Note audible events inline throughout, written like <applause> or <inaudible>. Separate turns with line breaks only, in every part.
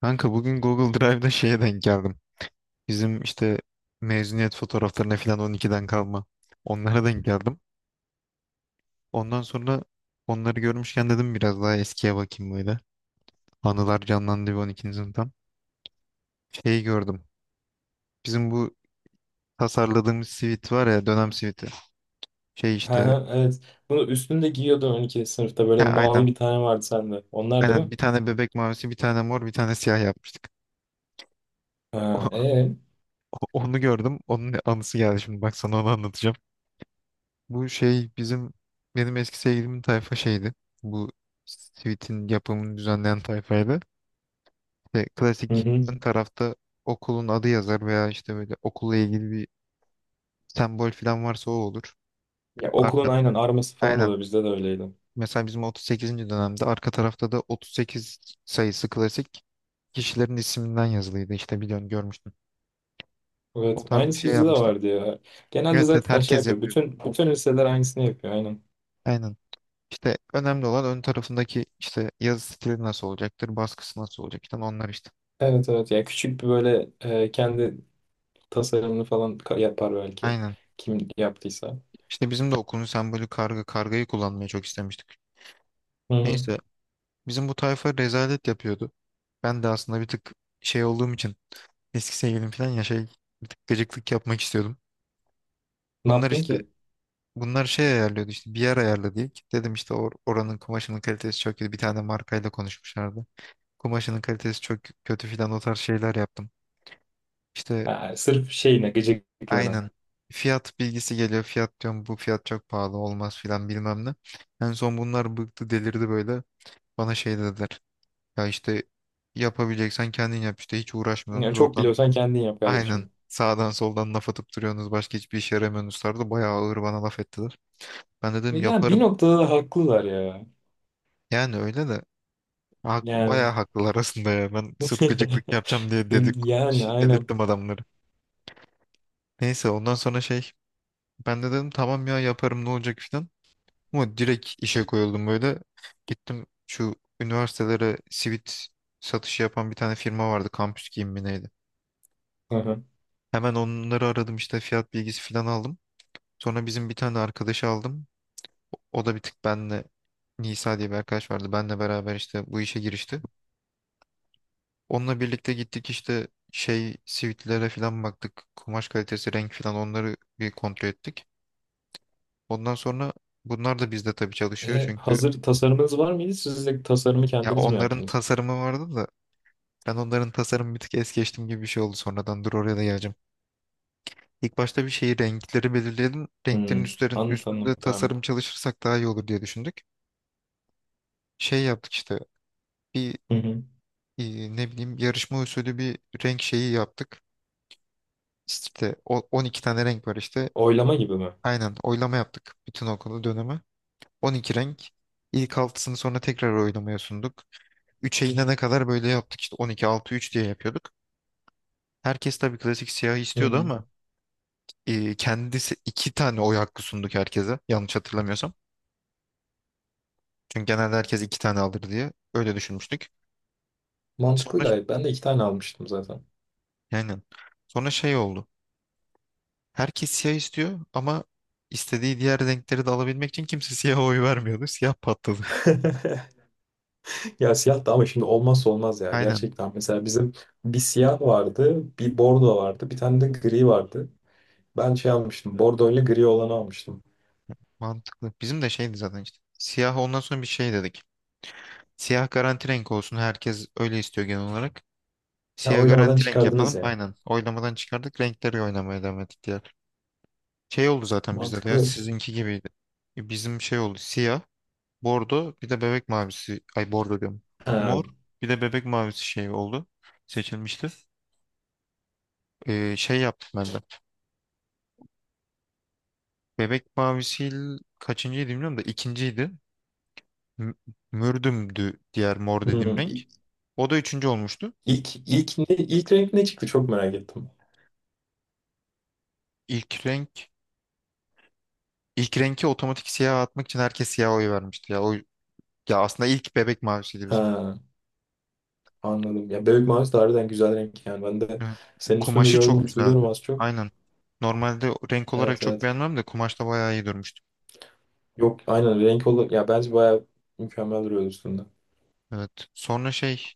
Kanka bugün Google Drive'da şeye denk geldim. Bizim işte mezuniyet fotoğraflarına falan 12'den kalma. Onlara denk geldim. Ondan sonra onları görmüşken dedim biraz daha eskiye bakayım böyle. Anılar canlandı bir 12. sınıftan. Şeyi gördüm. Bizim bu tasarladığımız sivit var ya dönem siviti. Şey
Hı
işte
hı, evet. Bunu üstünde giyiyordun 12. sınıfta.
ha,
Böyle mavi
aynen,
bir tane vardı sende. Onlar da
aynen
mı?
bir tane bebek mavisi, bir tane mor, bir tane siyah yapmıştık.
Ha,
<laughs>
ee?
Onu gördüm. Onun anısı geldi şimdi. Bak sana onu anlatacağım. Bu şey bizim, benim eski sevgilimin tayfa şeydi. Bu Sweet'in yapımını düzenleyen tayfaydı. İşte
Hı
klasik
hı.
ön tarafta okulun adı yazar veya işte böyle okulla ilgili bir sembol falan varsa o olur.
Ya okulun
Arka,
aynen arması falan
aynen.
oluyor. Bizde de öyleydi.
Mesela bizim 38. dönemde arka tarafta da 38 sayısı klasik kişilerin isminden yazılıydı. İşte biliyorsun, görmüştüm. O
Evet.
tarz bir
Aynısı
şey
bizde de
yapmıştık.
vardı ya. Genelde
Evet, evet,
zaten şey
herkes
yapıyor.
yapıyor.
Bütün liseler aynısını yapıyor. Aynen.
Aynen. İşte önemli olan ön tarafındaki işte yazı stili nasıl olacaktır, baskısı nasıl olacak falan, onlar işte.
Evet, evet. Ya küçük bir böyle, kendi tasarımını falan yapar belki.
Aynen.
Kim yaptıysa.
İşte bizim de okulun sembolü karga. Kargayı kullanmayı çok istemiştik.
Hı hı.
Neyse, bizim bu tayfa rezalet yapıyordu. Ben de aslında bir tık şey olduğum için, eski sevgilim falan ya şey, bir tık gıcıklık yapmak istiyordum.
Ne
Bunlar
yaptın
işte
ki?
Bunlar şey ayarlıyordu, işte bir yer ayarladı ilk. Dedim işte oranın kumaşının kalitesi çok kötü. Bir tane markayla konuşmuşlardı. Kumaşının kalitesi çok kötü filan, o tarz şeyler yaptım. İşte
Ha, sırf şeyine, gıcıklığına.
aynen fiyat bilgisi geliyor. Fiyat diyorum bu fiyat çok pahalı olmaz filan bilmem ne. En son bunlar bıktı, delirdi böyle. Bana şey dediler. Ya işte, yapabileceksen kendin yap, işte hiç
Yani
uğraşmıyorsunuz
çok
oradan,
biliyorsan kendin yap
<laughs> aynen,
kardeşim.
sağdan soldan laf atıp duruyorsunuz, başka hiçbir işe yaramıyorsunuz tarzı, bayağı ağır bana laf ettiler. Ben
E,
dedim
yani bir
yaparım.
noktada da haklılar ya.
Yani öyle de
Yani
bayağı haklılar aslında ya. Ben sırf gıcıklık
<laughs>
yapacağım diye dedik,
Yani
şey,
aynen.
dedirttim adamları. Neyse, ondan sonra şey, ben de dedim tamam ya, yaparım ne olacak filan. Ama direkt işe koyuldum böyle. Gittim, şu üniversitelere sivit satışı yapan bir tane firma vardı. Kampüs giyim mi neydi?
Aha.
Hemen onları aradım, işte fiyat bilgisi falan aldım. Sonra bizim bir tane arkadaşı aldım. O da bir tık benle, Nisa diye bir arkadaş vardı. Benle beraber işte bu işe girişti. Onunla birlikte gittik, işte şey sivitlere falan baktık. Kumaş kalitesi, renk falan, onları bir kontrol ettik. Ondan sonra bunlar da bizde tabii çalışıyor
E,
çünkü,
hazır tasarımınız var mıydı? Siz de tasarımı
ya
kendiniz mi
onların
yaptınız?
tasarımı vardı da, ben onların tasarımı bir tık es geçtim gibi bir şey oldu sonradan. Dur, oraya da geleceğim. İlk başta bir şeyi, renkleri belirleyelim. Renklerin
Hmm. Anlat anlat,
üstünde
devam
tasarım
et.
çalışırsak daha iyi olur diye düşündük. Şey yaptık işte, bir
Hı hı.
ne bileyim yarışma usulü bir renk şeyi yaptık. İşte 12 tane renk var işte.
Oylama gibi mi?
Aynen, oylama yaptık bütün okulu, dönemi. 12 renk. İlk altısını sonra tekrar oylamaya sunduk. 3'e inene kadar böyle yaptık, işte 12, altı, 3 diye yapıyorduk. Herkes tabii klasik siyah
Hı
istiyordu
hı.
ama kendisi, iki tane oy hakkı sunduk herkese yanlış hatırlamıyorsam. Çünkü genelde herkes iki tane alır diye öyle düşünmüştük.
Mantıklı
Sonra,
gayet. Ben de iki tane almıştım zaten.
yani sonra şey oldu. Herkes siyah istiyor ama istediği diğer renkleri de alabilmek için kimse <laughs> siyaha oy vermiyordu. Siyah patladı.
<laughs> Ya siyah da ama şimdi olmazsa olmaz
<laughs>
ya.
Aynen,
Gerçekten mesela bizim bir siyah vardı, bir bordo vardı, bir tane de gri vardı. Ben şey almıştım. Bordo ile gri olanı almıştım.
mantıklı. Bizim de şeydi zaten işte. Siyah, ondan sonra bir şey dedik. Siyah garanti renk olsun. Herkes öyle istiyor genel olarak.
Ya
Siyah
oylamadan
garanti renk
çıkardınız
yapalım.
yani.
Aynen. Oylamadan çıkardık. Renkleri oynamaya devam ettik diğer. Şey oldu zaten bizde de, ya
Mantıklı.
sizinki gibiydi. Bizim şey oldu, siyah. Bordo bir de bebek mavisi. Ay, bordo diyorum.
Ha.
Mor bir de bebek mavisi şey oldu. Seçilmişti. Şey yaptım ben de. Bebek mavisi kaçıncıydı bilmiyorum da ikinciydi. M- Mürdüm'dü diğer mor dediğim
Hmm.
renk. O da üçüncü olmuştu.
İlk renk ne çıktı, çok merak ettim.
İlk renk, ilk renki otomatik siyah atmak için herkes siyah oy vermişti. Ya aslında ilk bebek mavisiydi bizim.
Ha, anladım. Ya bebek mavisi de harbiden güzel renk yani. Ben de
Evet.
senin üstünde
Kumaşı
gördüm,
çok
hatırlıyorum
güzeldi.
az çok.
Aynen. Normalde renk olarak
Evet,
çok
evet.
beğenmem de kumaşta bayağı iyi durmuştu.
Yok, aynen renk olur. Ya bence bayağı mükemmel duruyor üstünde.
Evet. Sonra şey,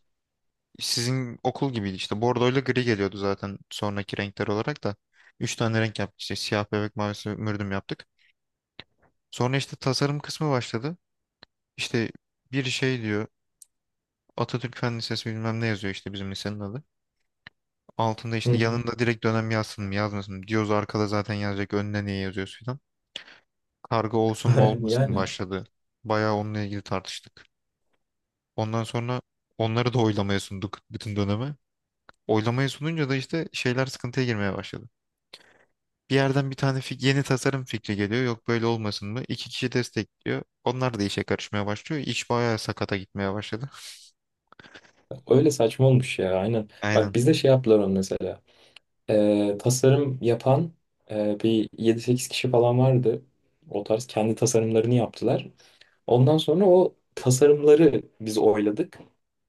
sizin okul gibiydi işte. Bordoyla gri geliyordu zaten sonraki renkler olarak da. Üç tane renk yaptık işte. Siyah, bebek mavisi, mürdüm yaptık. Sonra işte tasarım kısmı başladı. İşte bir şey diyor. Atatürk Fen Lisesi bilmem ne yazıyor, işte bizim lisenin adı. Altında
Hı
işte,
hı.
yanında direkt dönem yazsın mı yazmasın mı diyoruz. Arkada zaten yazacak, önüne niye yazıyorsun falan. Karga olsun mu
<laughs>
olmasın mı
Yani
başladı. Bayağı onunla ilgili tartıştık. Ondan sonra onları da oylamaya sunduk bütün döneme. Oylamaya sununca da işte şeyler sıkıntıya girmeye başladı. Bir yerden bir tane yeni tasarım fikri geliyor. Yok, böyle olmasın mı? İki kişi destekliyor. Onlar da işe karışmaya başlıyor. İş bayağı sakata gitmeye başladı.
öyle saçma olmuş ya, aynen. Bak,
Aynen.
bizde şey yaptılar onu mesela. Tasarım yapan, bir yedi sekiz kişi falan vardı. O tarz kendi tasarımlarını yaptılar. Ondan sonra o tasarımları biz oyladık.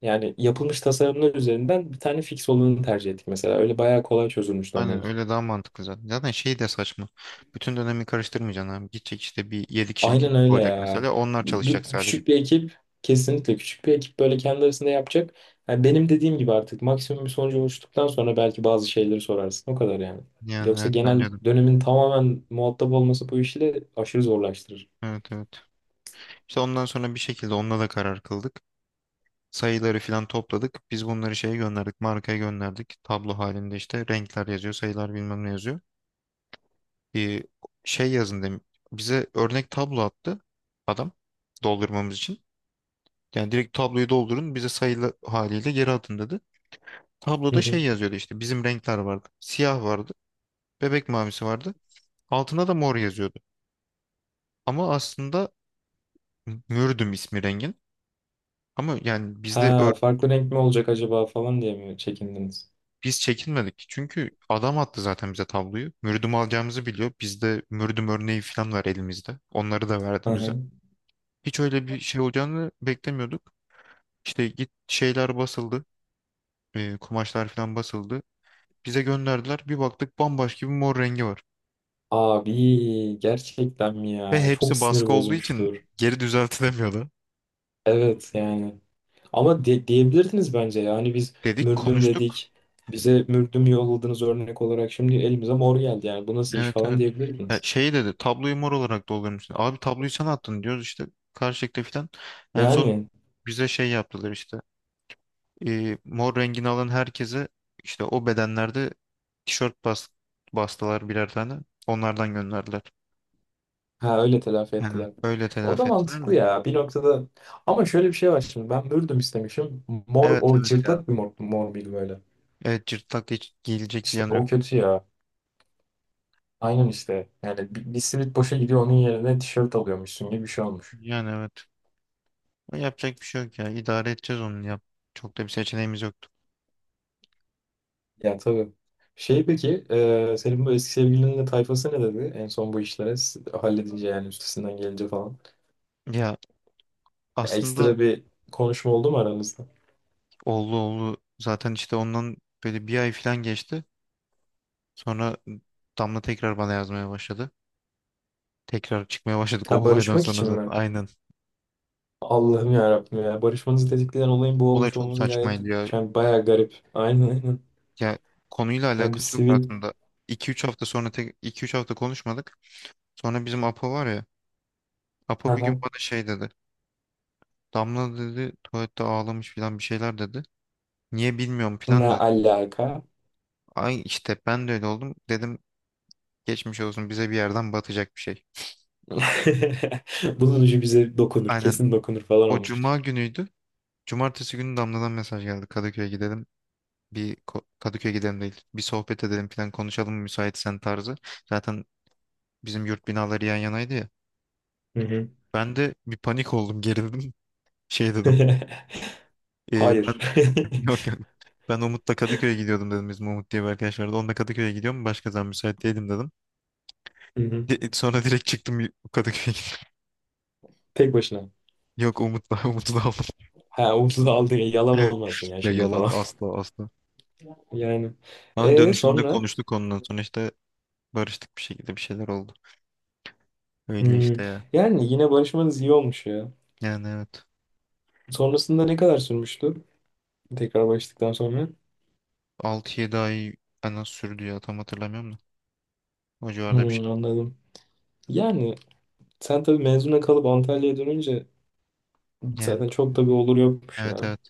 Yani yapılmış tasarımlar üzerinden bir tane fix olanı tercih ettik mesela. Öyle bayağı kolay çözülmüştü o
Aynen,
mevzu.
öyle daha mantıklı zaten. Zaten şey de saçma. Bütün dönemi karıştırmayacaksın abi. Gidecek işte bir 7 kişilik ekip
Aynen öyle
olacak
ya.
mesela. Onlar çalışacak sadece.
Küçük bir ekip, kesinlikle küçük bir ekip böyle kendi arasında yapacak. Yani benim dediğim gibi artık maksimum bir sonuca ulaştıktan sonra belki bazı şeyleri sorarsın. O kadar yani.
Yani
Yoksa
evet,
genel
bence de.
dönemin tamamen muhatap olması bu işle aşırı zorlaştırır.
Evet, evet. İşte ondan sonra bir şekilde onunla da karar kıldık. Sayıları filan topladık. Biz bunları şeye gönderdik. Markaya gönderdik. Tablo halinde işte renkler yazıyor. Sayılar bilmem ne yazıyor. e, şey yazın demiş. Bize örnek tablo attı adam, doldurmamız için. Yani direkt tabloyu doldurun, bize sayılı haliyle geri atın dedi.
Hı
Tabloda şey
hı.
yazıyordu, işte bizim renkler vardı. Siyah vardı, bebek mavisi vardı. Altına da mor yazıyordu. Ama aslında mürdüm ismi rengin. Ama yani bizde
Ha, farklı renk mi olacak acaba falan diye mi çekindiniz?
biz çekinmedik. Çünkü adam attı zaten bize tabloyu. Mürdüm alacağımızı biliyor. Bizde mürdüm örneği falan var elimizde. Onları da
Hı
verdi bize.
hı.
Hiç öyle bir şey olacağını beklemiyorduk. İşte git şeyler basıldı. Kumaşlar falan basıldı. Bize gönderdiler. Bir baktık bambaşka bir mor rengi var.
Abi gerçekten mi
Ve
ya? Çok
hepsi
sinir
baskı olduğu için
bozmuştur.
geri <laughs> düzeltilemiyordu.
Evet yani. Ama diyebilirdiniz bence, yani biz
Dedik,
mürdüm
konuştuk.
dedik. Bize mürdüm yolladınız örnek olarak. Şimdi elimize mor geldi yani. Bu nasıl iş
Evet,
falan
evet. Ya
diyebilirdiniz.
şey dedi, tabloyu mor olarak doldurmuşsun. Abi tabloyu sen attın diyoruz işte. Karşılıklı falan. En son
Yani
bize şey yaptılar işte. Mor rengini alan herkese, işte o bedenlerde tişört bastılar birer tane. Onlardan gönderdiler.
ha, öyle telafi
Aynen.
ettiler.
Öyle
O da
telafi ettiler de.
mantıklı ya bir noktada. Ama şöyle bir şey var şimdi. Ben mürdüm istemişim. Mor
Evet,
o
evet ya.
cırtlak bir mor, mor bir böyle.
Evet, cırtlak, hiç gelecek bir
İşte
yanı yok.
o kötü ya. Aynen işte. Yani bir simit boşa gidiyor, onun yerine tişört alıyormuşsun gibi bir şey olmuş.
Yani evet. Ama yapacak bir şey yok ya. İdare edeceğiz onu yap. Çok da bir seçeneğimiz yoktu.
Ya tabii. Şey peki, senin bu eski sevgilinin de tayfası ne dedi? En son bu işlere halledince, yani üstesinden gelince falan.
Ya
Ya
aslında
ekstra bir konuşma oldu mu aranızda?
oldu, oldu. Zaten işte ondan böyle bir ay falan geçti. Sonra Damla tekrar bana yazmaya başladı. Tekrar çıkmaya başladık o
Ha,
olaydan
barışmak
sonra
için
zaten.
mi?
Aynen.
Allah'ım ya Rabbim ya. Barışmanızı tetikleyen olayın bu
Olay
olmuş
çok
olması gayet,
saçmaydı ya.
yani bayağı garip. Aynen aynen.
Ya konuyla
Yani bir
alakası yok
sivil.
aslında. İki üç hafta sonra tek 2-3 hafta konuşmadık. Sonra bizim Apo var ya. Apo bir gün
Aha.
bana şey dedi. Damla dedi tuvalette ağlamış falan, bir şeyler dedi. Niye bilmiyorum
Ne
plan da.
alaka?
Ay işte ben de öyle oldum. Dedim geçmiş olsun, bize bir yerden batacak bir şey.
<laughs> Bunun ucu bize dokunur.
Aynen.
Kesin dokunur falan
O cuma
olmuştur.
günüydü. Cumartesi günü Damla'dan mesaj geldi. Kadıköy'e gidelim. Kadıköy'e gidelim değil. Bir sohbet edelim falan, konuşalım mı müsaitsen tarzı. Zaten bizim yurt binaları yan yanaydı ya.
Hı hı.
Ben de bir panik oldum, gerildim. <laughs> Şey dedim.
<laughs> Hayır.
Ben <laughs> yok. Ben Umut'la Kadıköy'e gidiyordum" dedim. Bizim Umut diye bir arkadaş vardı. Onunla Kadıköy'e gidiyorum. Başka zaman müsait değilim dedim.
<laughs> Hı hı.
Sonra direkt çıktım Kadıköy'e.
Tek başına.
<laughs> Yok Umut'la <laughs> Umut'la aldım.
Ha, ucuz aldı, yalan
<laughs>
olmasın ya
Ya
şimdi
yalan,
falan. <laughs>
asla, asla.
Yani,
Ama
e
dönüşünde
sonra.
konuştuk, ondan sonra işte barıştık bir şekilde, bir şeyler oldu. Öyle
Hmm,
işte ya.
yani yine barışmanız iyi olmuş ya.
Yani evet.
Sonrasında ne kadar sürmüştü? Tekrar barıştıktan sonra.
Altı yedi ay en az sürdü ya, tam hatırlamıyorum da. O civarda bir şey.
Hmm, anladım. Yani sen tabii mezuna kalıp Antalya'ya dönünce
Yani
zaten çok da bir olur yokmuş
evet,
ya.
evet.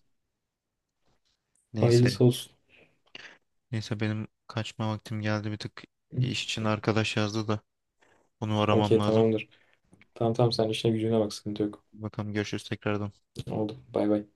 Neyse
Hayırlısı
ya.
olsun.
Neyse benim kaçma vaktim geldi bir tık. Bir iş için arkadaş yazdı da onu aramam
Okey,
lazım.
tamamdır. Tamam tamam, sen işine gücüne bak, sıkıntı yok.
Bakalım, görüşürüz tekrardan.
Oldu. Bay bay.